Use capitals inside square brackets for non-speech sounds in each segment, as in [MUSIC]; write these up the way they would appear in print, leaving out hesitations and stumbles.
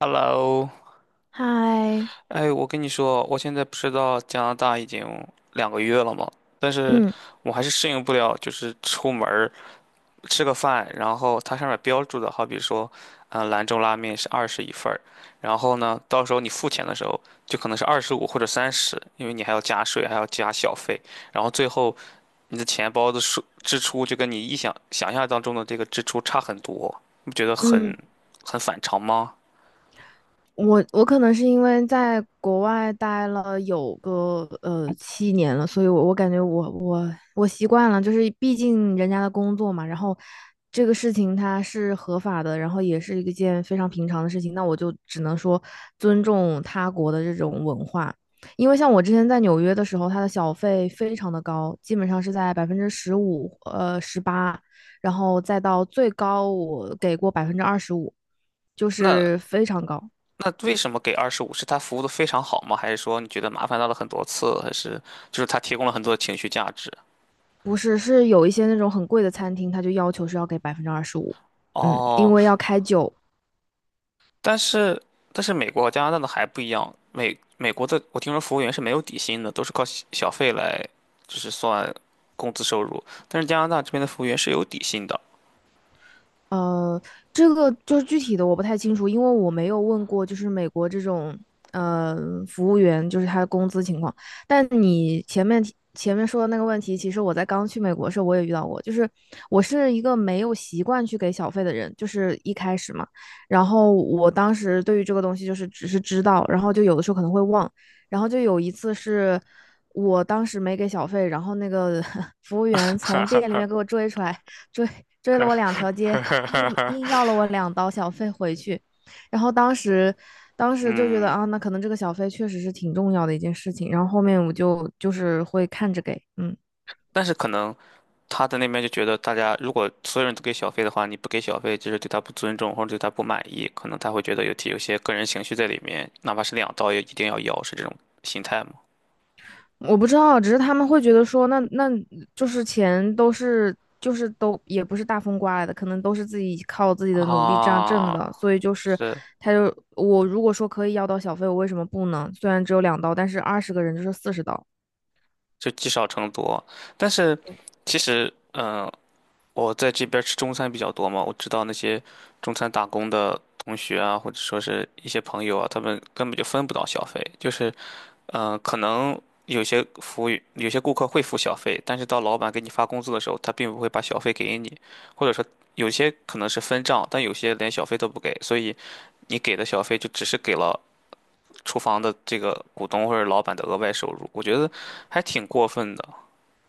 Hello，嗨，我跟你说，我现在不是到加拿大已经2个月了嘛，但是嗯我还是适应不了，就是出门儿吃个饭，然后它上面标注的，好比说，兰州拉面是21份儿。然后呢，到时候你付钱的时候就可能是二十五或者三十，因为你还要加税，还要加小费，然后最后你的钱包的数支出就跟你想象当中的这个支出差很多，你不觉得很嗯，很反常吗？我可能是因为在国外待了有个7年了，所以我感觉我习惯了，就是毕竟人家的工作嘛，然后这个事情它是合法的，然后也是一件非常平常的事情，那我就只能说尊重他国的这种文化，因为像我之前在纽约的时候，它的小费非常的高，基本上是在15%18%，然后再到最高我给过百分之二十五，就那是非常高。那为什么给二十五？是他服务的非常好吗？还是说你觉得麻烦到了很多次？还是就是他提供了很多的情绪价值？不是，是有一些那种很贵的餐厅，他就要求是要给百分之二十五，嗯，因哦，为要开酒。但是但是美国和加拿大的还不一样，美国的我听说服务员是没有底薪的，都是靠小费来就是算工资收入，但是加拿大这边的服务员是有底薪的。呃，这个就是具体的我不太清楚，因为我没有问过，就是美国这种呃服务员，就是他的工资情况。但你前面说的那个问题，其实我在刚去美国的时候我也遇到过，就是我是一个没有习惯去给小费的人，就是一开始嘛。然后我当时对于这个东西就是只是知道，然后就有的时候可能会忘，然后就有一次是。我当时没给小费，然后那个 [LAUGHS] 服务员从店里面给我追出来，追追了我2条街，硬 [LAUGHS] 要了我两刀小费回去，然后当时就觉得嗯，啊，那可能这个小费确实是挺重要的一件事情，然后后面我就是会看着给，嗯。但是可能他在那边就觉得，大家如果所有人都给小费的话，你不给小费，就是对他不尊重或者对他不满意，可能他会觉得有些个人情绪在里面，哪怕是2刀也一定要要，是这种心态吗？我不知道，只是他们会觉得说，那就是钱都是就是都也不是大风刮来的，可能都是自己靠自己的努力这样挣啊，的，所以就是是，我如果说可以要到小费，我为什么不呢？虽然只有两刀，但是20个人就是40刀。就积少成多。但是对，其实，我在这边吃中餐比较多嘛，我知道那些中餐打工的同学啊，或者说是一些朋友啊，他们根本就分不到小费，就是。可能有些服务员有些顾客会付小费，但是到老板给你发工资的时候，他并不会把小费给你，或者说有些可能是分账，但有些连小费都不给，所以你给的小费就只是给了厨房的这个股东或者老板的额外收入，我觉得还挺过分的。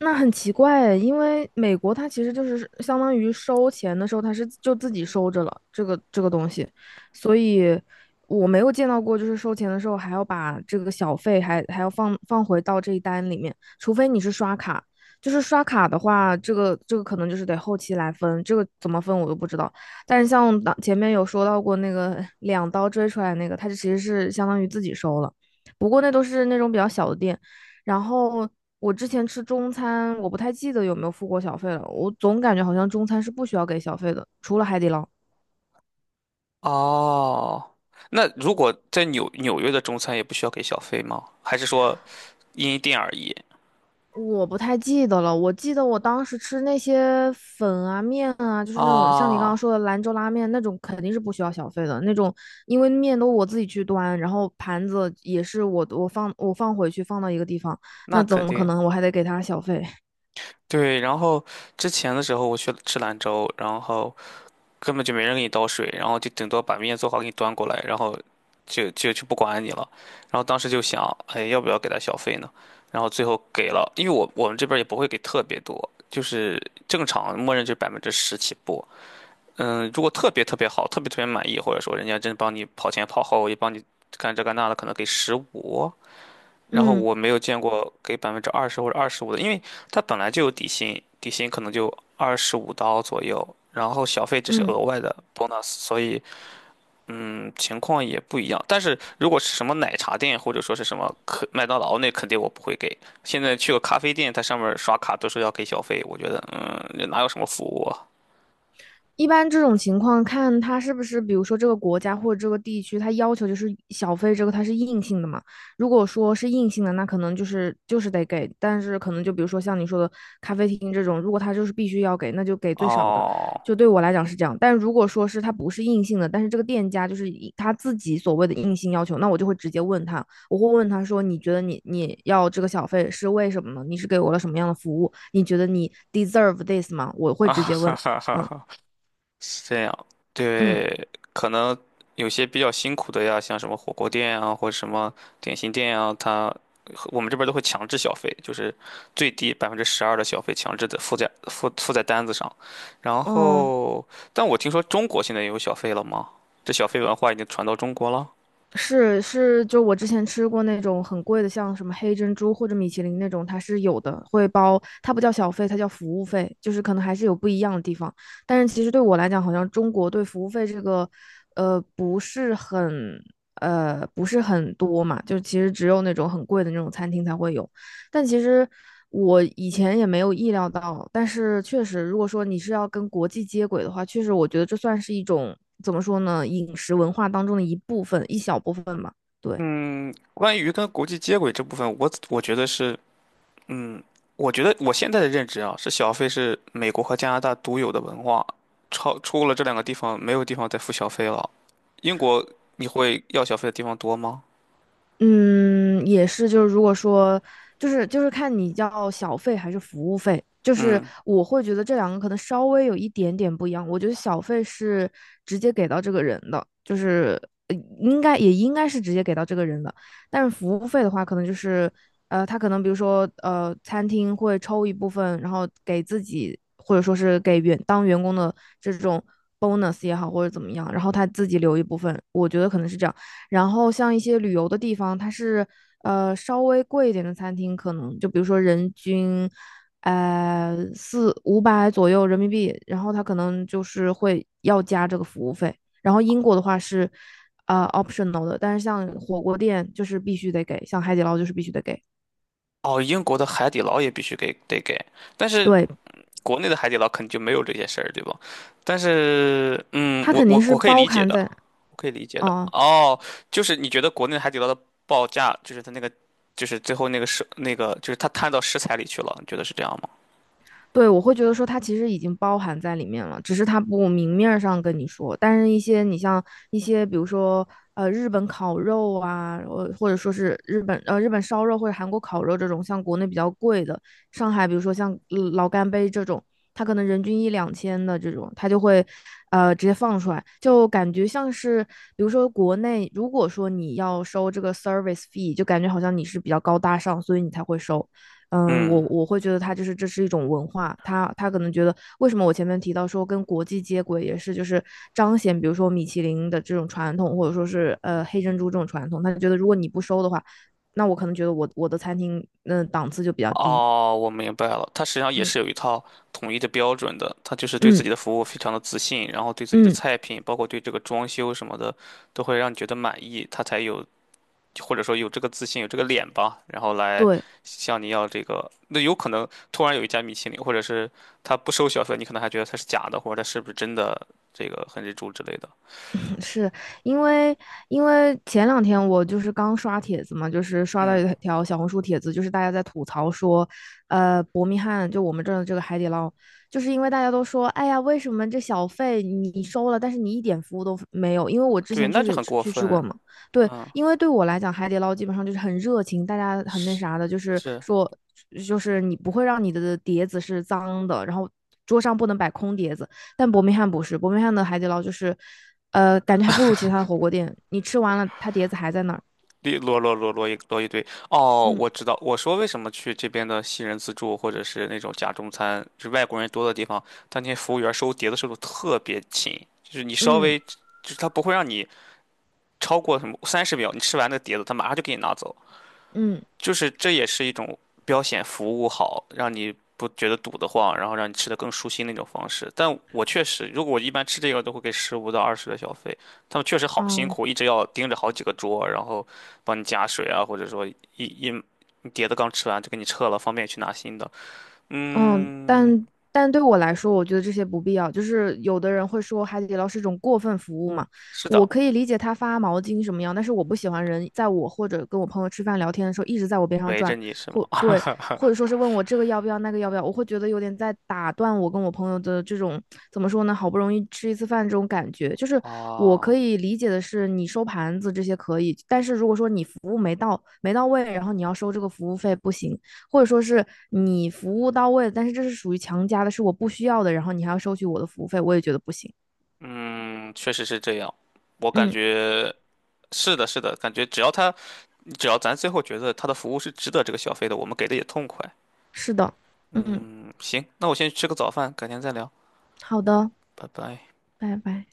那很奇怪诶，因为美国它其实就是相当于收钱的时候，它是就自己收着了这个东西，所以我没有见到过就是收钱的时候还要把这个小费还要放回到这一单里面，除非你是刷卡，就是刷卡的话，这个可能就是得后期来分，这个怎么分我都不知道。但是前面有说到过那个两刀追出来那个，它其实是相当于自己收了，不过那都是那种比较小的店。然后我之前吃中餐，我不太记得有没有付过小费了。我总感觉好像中餐是不需要给小费的，除了海底捞。哦，那如果在纽约的中餐也不需要给小费吗？还是说因店而异？我不太记得了。我记得我当时吃那些粉啊、面啊，就是那种像你刚刚啊，说的兰州拉面那种，肯定是不需要小费的那种，因为面都我自己去端，然后盘子也是我放回去放到一个地方，那那怎肯么可定。能我还得给他小费？[LAUGHS] 对，然后之前的时候我去吃兰州，然后根本就没人给你倒水，然后就顶多把面做好给你端过来，然后就不管你了。然后当时就想，哎，要不要给他小费呢？然后最后给了，因为我们这边儿也不会给特别多，就是正常默认就是百分之十起步。嗯，如果特别特别好，特别特别满意，或者说人家真帮你跑前跑后，也帮你干这干那的，可能给十五。然后嗯我没有见过给20%或者二十五的，因为它本来就有底薪，底薪可能就25刀左右，然后小费只是额嗯。外的 bonus，所以情况也不一样。但是如果是什么奶茶店或者说是什么可麦当劳，那肯定我不会给。现在去个咖啡店，它上面刷卡都是要给小费，我觉得这哪有什么服务啊？一般这种情况，看它是不是，比如说这个国家或者这个地区，它要求就是小费这个它是硬性的嘛。如果说是硬性的，那可能就是得给，但是可能就比如说像你说的咖啡厅这种，如果它就是必须要给，那就给最少的。哦，就对我来讲是这样，但如果说是它不是硬性的，但是这个店家就是以他自己所谓的硬性要求，那我就会直接问他，我会问他说，你觉得你要这个小费是为什么呢？你是给我了什么样的服务？你觉得你 deserve this 吗？我会 [LAUGHS] 直接哈问，哈嗯哈是这样。嗯。对，可能有些比较辛苦的呀，像什么火锅店啊，或者什么点心店啊，他我们这边都会强制消费，就是最低12%的消费强制的附在单子上。然嗯，后，但我听说中国现在也有小费了吗？这小费文化已经传到中国了。是是，就我之前吃过那种很贵的，像什么黑珍珠或者米其林那种，它是有的，会包，它不叫小费，它叫服务费，就是可能还是有不一样的地方。但是其实对我来讲，好像中国对服务费这个，呃，不是很，不是很多嘛，就其实只有那种很贵的那种餐厅才会有。但其实我以前也没有意料到，但是确实，如果说你是要跟国际接轨的话，确实我觉得这算是一种怎么说呢，饮食文化当中的一部分，一小部分吧。对，嗯，关于跟国际接轨这部分，我觉得是。嗯，我觉得我现在的认知啊，是小费是美国和加拿大独有的文化，超出了这两个地方，没有地方再付小费了。英国你会要小费的地方多吗？嗯，也是，就是如果说，就是看你叫小费还是服务费，就是嗯，我会觉得这两个可能稍微有一点点不一样。我觉得小费是直接给到这个人的，就是应该也应该是直接给到这个人的，但是服务费的话，可能就是他可能比如说餐厅会抽一部分，然后给自己或者说是给员工的这种 bonus 也好，或者怎么样，然后他自己留一部分，我觉得可能是这样。然后像一些旅游的地方，它是稍微贵一点的餐厅，可能就比如说人均4、500左右人民币，然后它可能就是会要加这个服务费。然后英国的话是optional 的，但是像火锅店就是必须得给，像海底捞就是必须得给。哦，英国的海底捞也必须给得给，但是对，国内的海底捞肯定就没有这些事儿，对吧？但是，嗯，它我肯定我是我可以包理解含的，在，我可以理解的。哦、哦，就是你觉得国内海底捞的报价，就是它那个，就是最后那个是那个，就是它摊到食材里去了，你觉得是这样吗？对，我会觉得说它其实已经包含在里面了，只是它不明面儿上跟你说。但是，一些，比如说日本烤肉啊，呃或者说是日本烧肉或者韩国烤肉这种，像国内比较贵的，上海比如说像老干杯这种，它可能人均1、2000的这种，它就会直接放出来，就感觉像是比如说国内，如果说你要收这个 service fee,就感觉好像你是比较高大上，所以你才会收。嗯，我嗯。我会觉得它就是这是一种文化，它可能觉得为什么我前面提到说跟国际接轨也是就是彰显，比如说米其林的这种传统，或者说是黑珍珠这种传统，他就觉得如果你不收的话，那我可能觉得我的餐厅嗯、档次就比较低，哦，我明白了，他实际上也嗯是有一套统一的标准的，他就是对自嗯己的服务非常的自信，然后对自己的嗯，菜品，包括对这个装修什么的，都会让你觉得满意，他才有或者说有这个自信，有这个脸吧，然后来对。向你要这个。那有可能突然有一家米其林，或者是他不收小费，你可能还觉得他是假的，或者他是不是真的这个很日柱之类的。是因为前两天我就是刚刷帖子嘛，就是刷到嗯，一条小红书帖子，就是大家在吐槽说，呃，伯明翰就我们这儿的这个海底捞，就是因为大家都说，哎呀，为什么这小费你收了，但是你一点服务都没有？因为我之对，前那确实就也很过去吃过分。嘛，对，嗯，因为对我来讲，海底捞基本上就是很热情，大家很那啥的，就是是。说，就是你不会让你的碟子是脏的，然后桌上不能摆空碟子。但伯明翰不是，伯明翰的海底捞就是，呃，感觉还不如其他的火锅店。你吃完了，它碟子还在那儿。一摞摞摞摞一摞一堆。哦，嗯我知道，我说为什么去这边的西人自助或者是那种假中餐，就是外国人多的地方，他那些服务员收碟子速度特别勤，就是你稍嗯微，就是他不会让你超过什么30秒，你吃完那个碟子，他马上就给你拿走。嗯，就是这也是一种标显服务好，让你不觉得堵得慌，然后让你吃的更舒心的一种方式。但我确实，如果我一般吃这个，都会给15到20的小费。他们确实好辛哦、苦，一直要盯着好几个桌，然后帮你加水啊，或者说你碟子刚吃完就给你撤了，方便去拿新的。嗯，嗯，但对我来说，我觉得这些不必要。就是有的人会说海底捞是一种过分服务嘛，是的，我可以理解他发毛巾什么样，但是我不喜欢人在我或者跟我朋友吃饭聊天的时候一直在我边上围着转，你是吗？或对，或者说是问我这个要不要那个要不要，我会觉得有点在打断我跟我朋友的这种怎么说呢，好不容易吃一次饭这种感觉。就是我可啊，以理解的是你收盘子这些可以，但是如果说你服务没到位，然后你要收这个服务费不行。或者说是你服务到位，但是这是属于强加的，是我不需要的，然后你还要收取我的服务费，我也觉得不行。嗯，确实是这样。我感嗯，觉是的，是的，感觉只要咱最后觉得他的服务是值得这个消费的，我们给的也痛快。是的，嗯，嗯，行，那我先去吃个早饭，改天再聊，好的，拜拜。拜拜。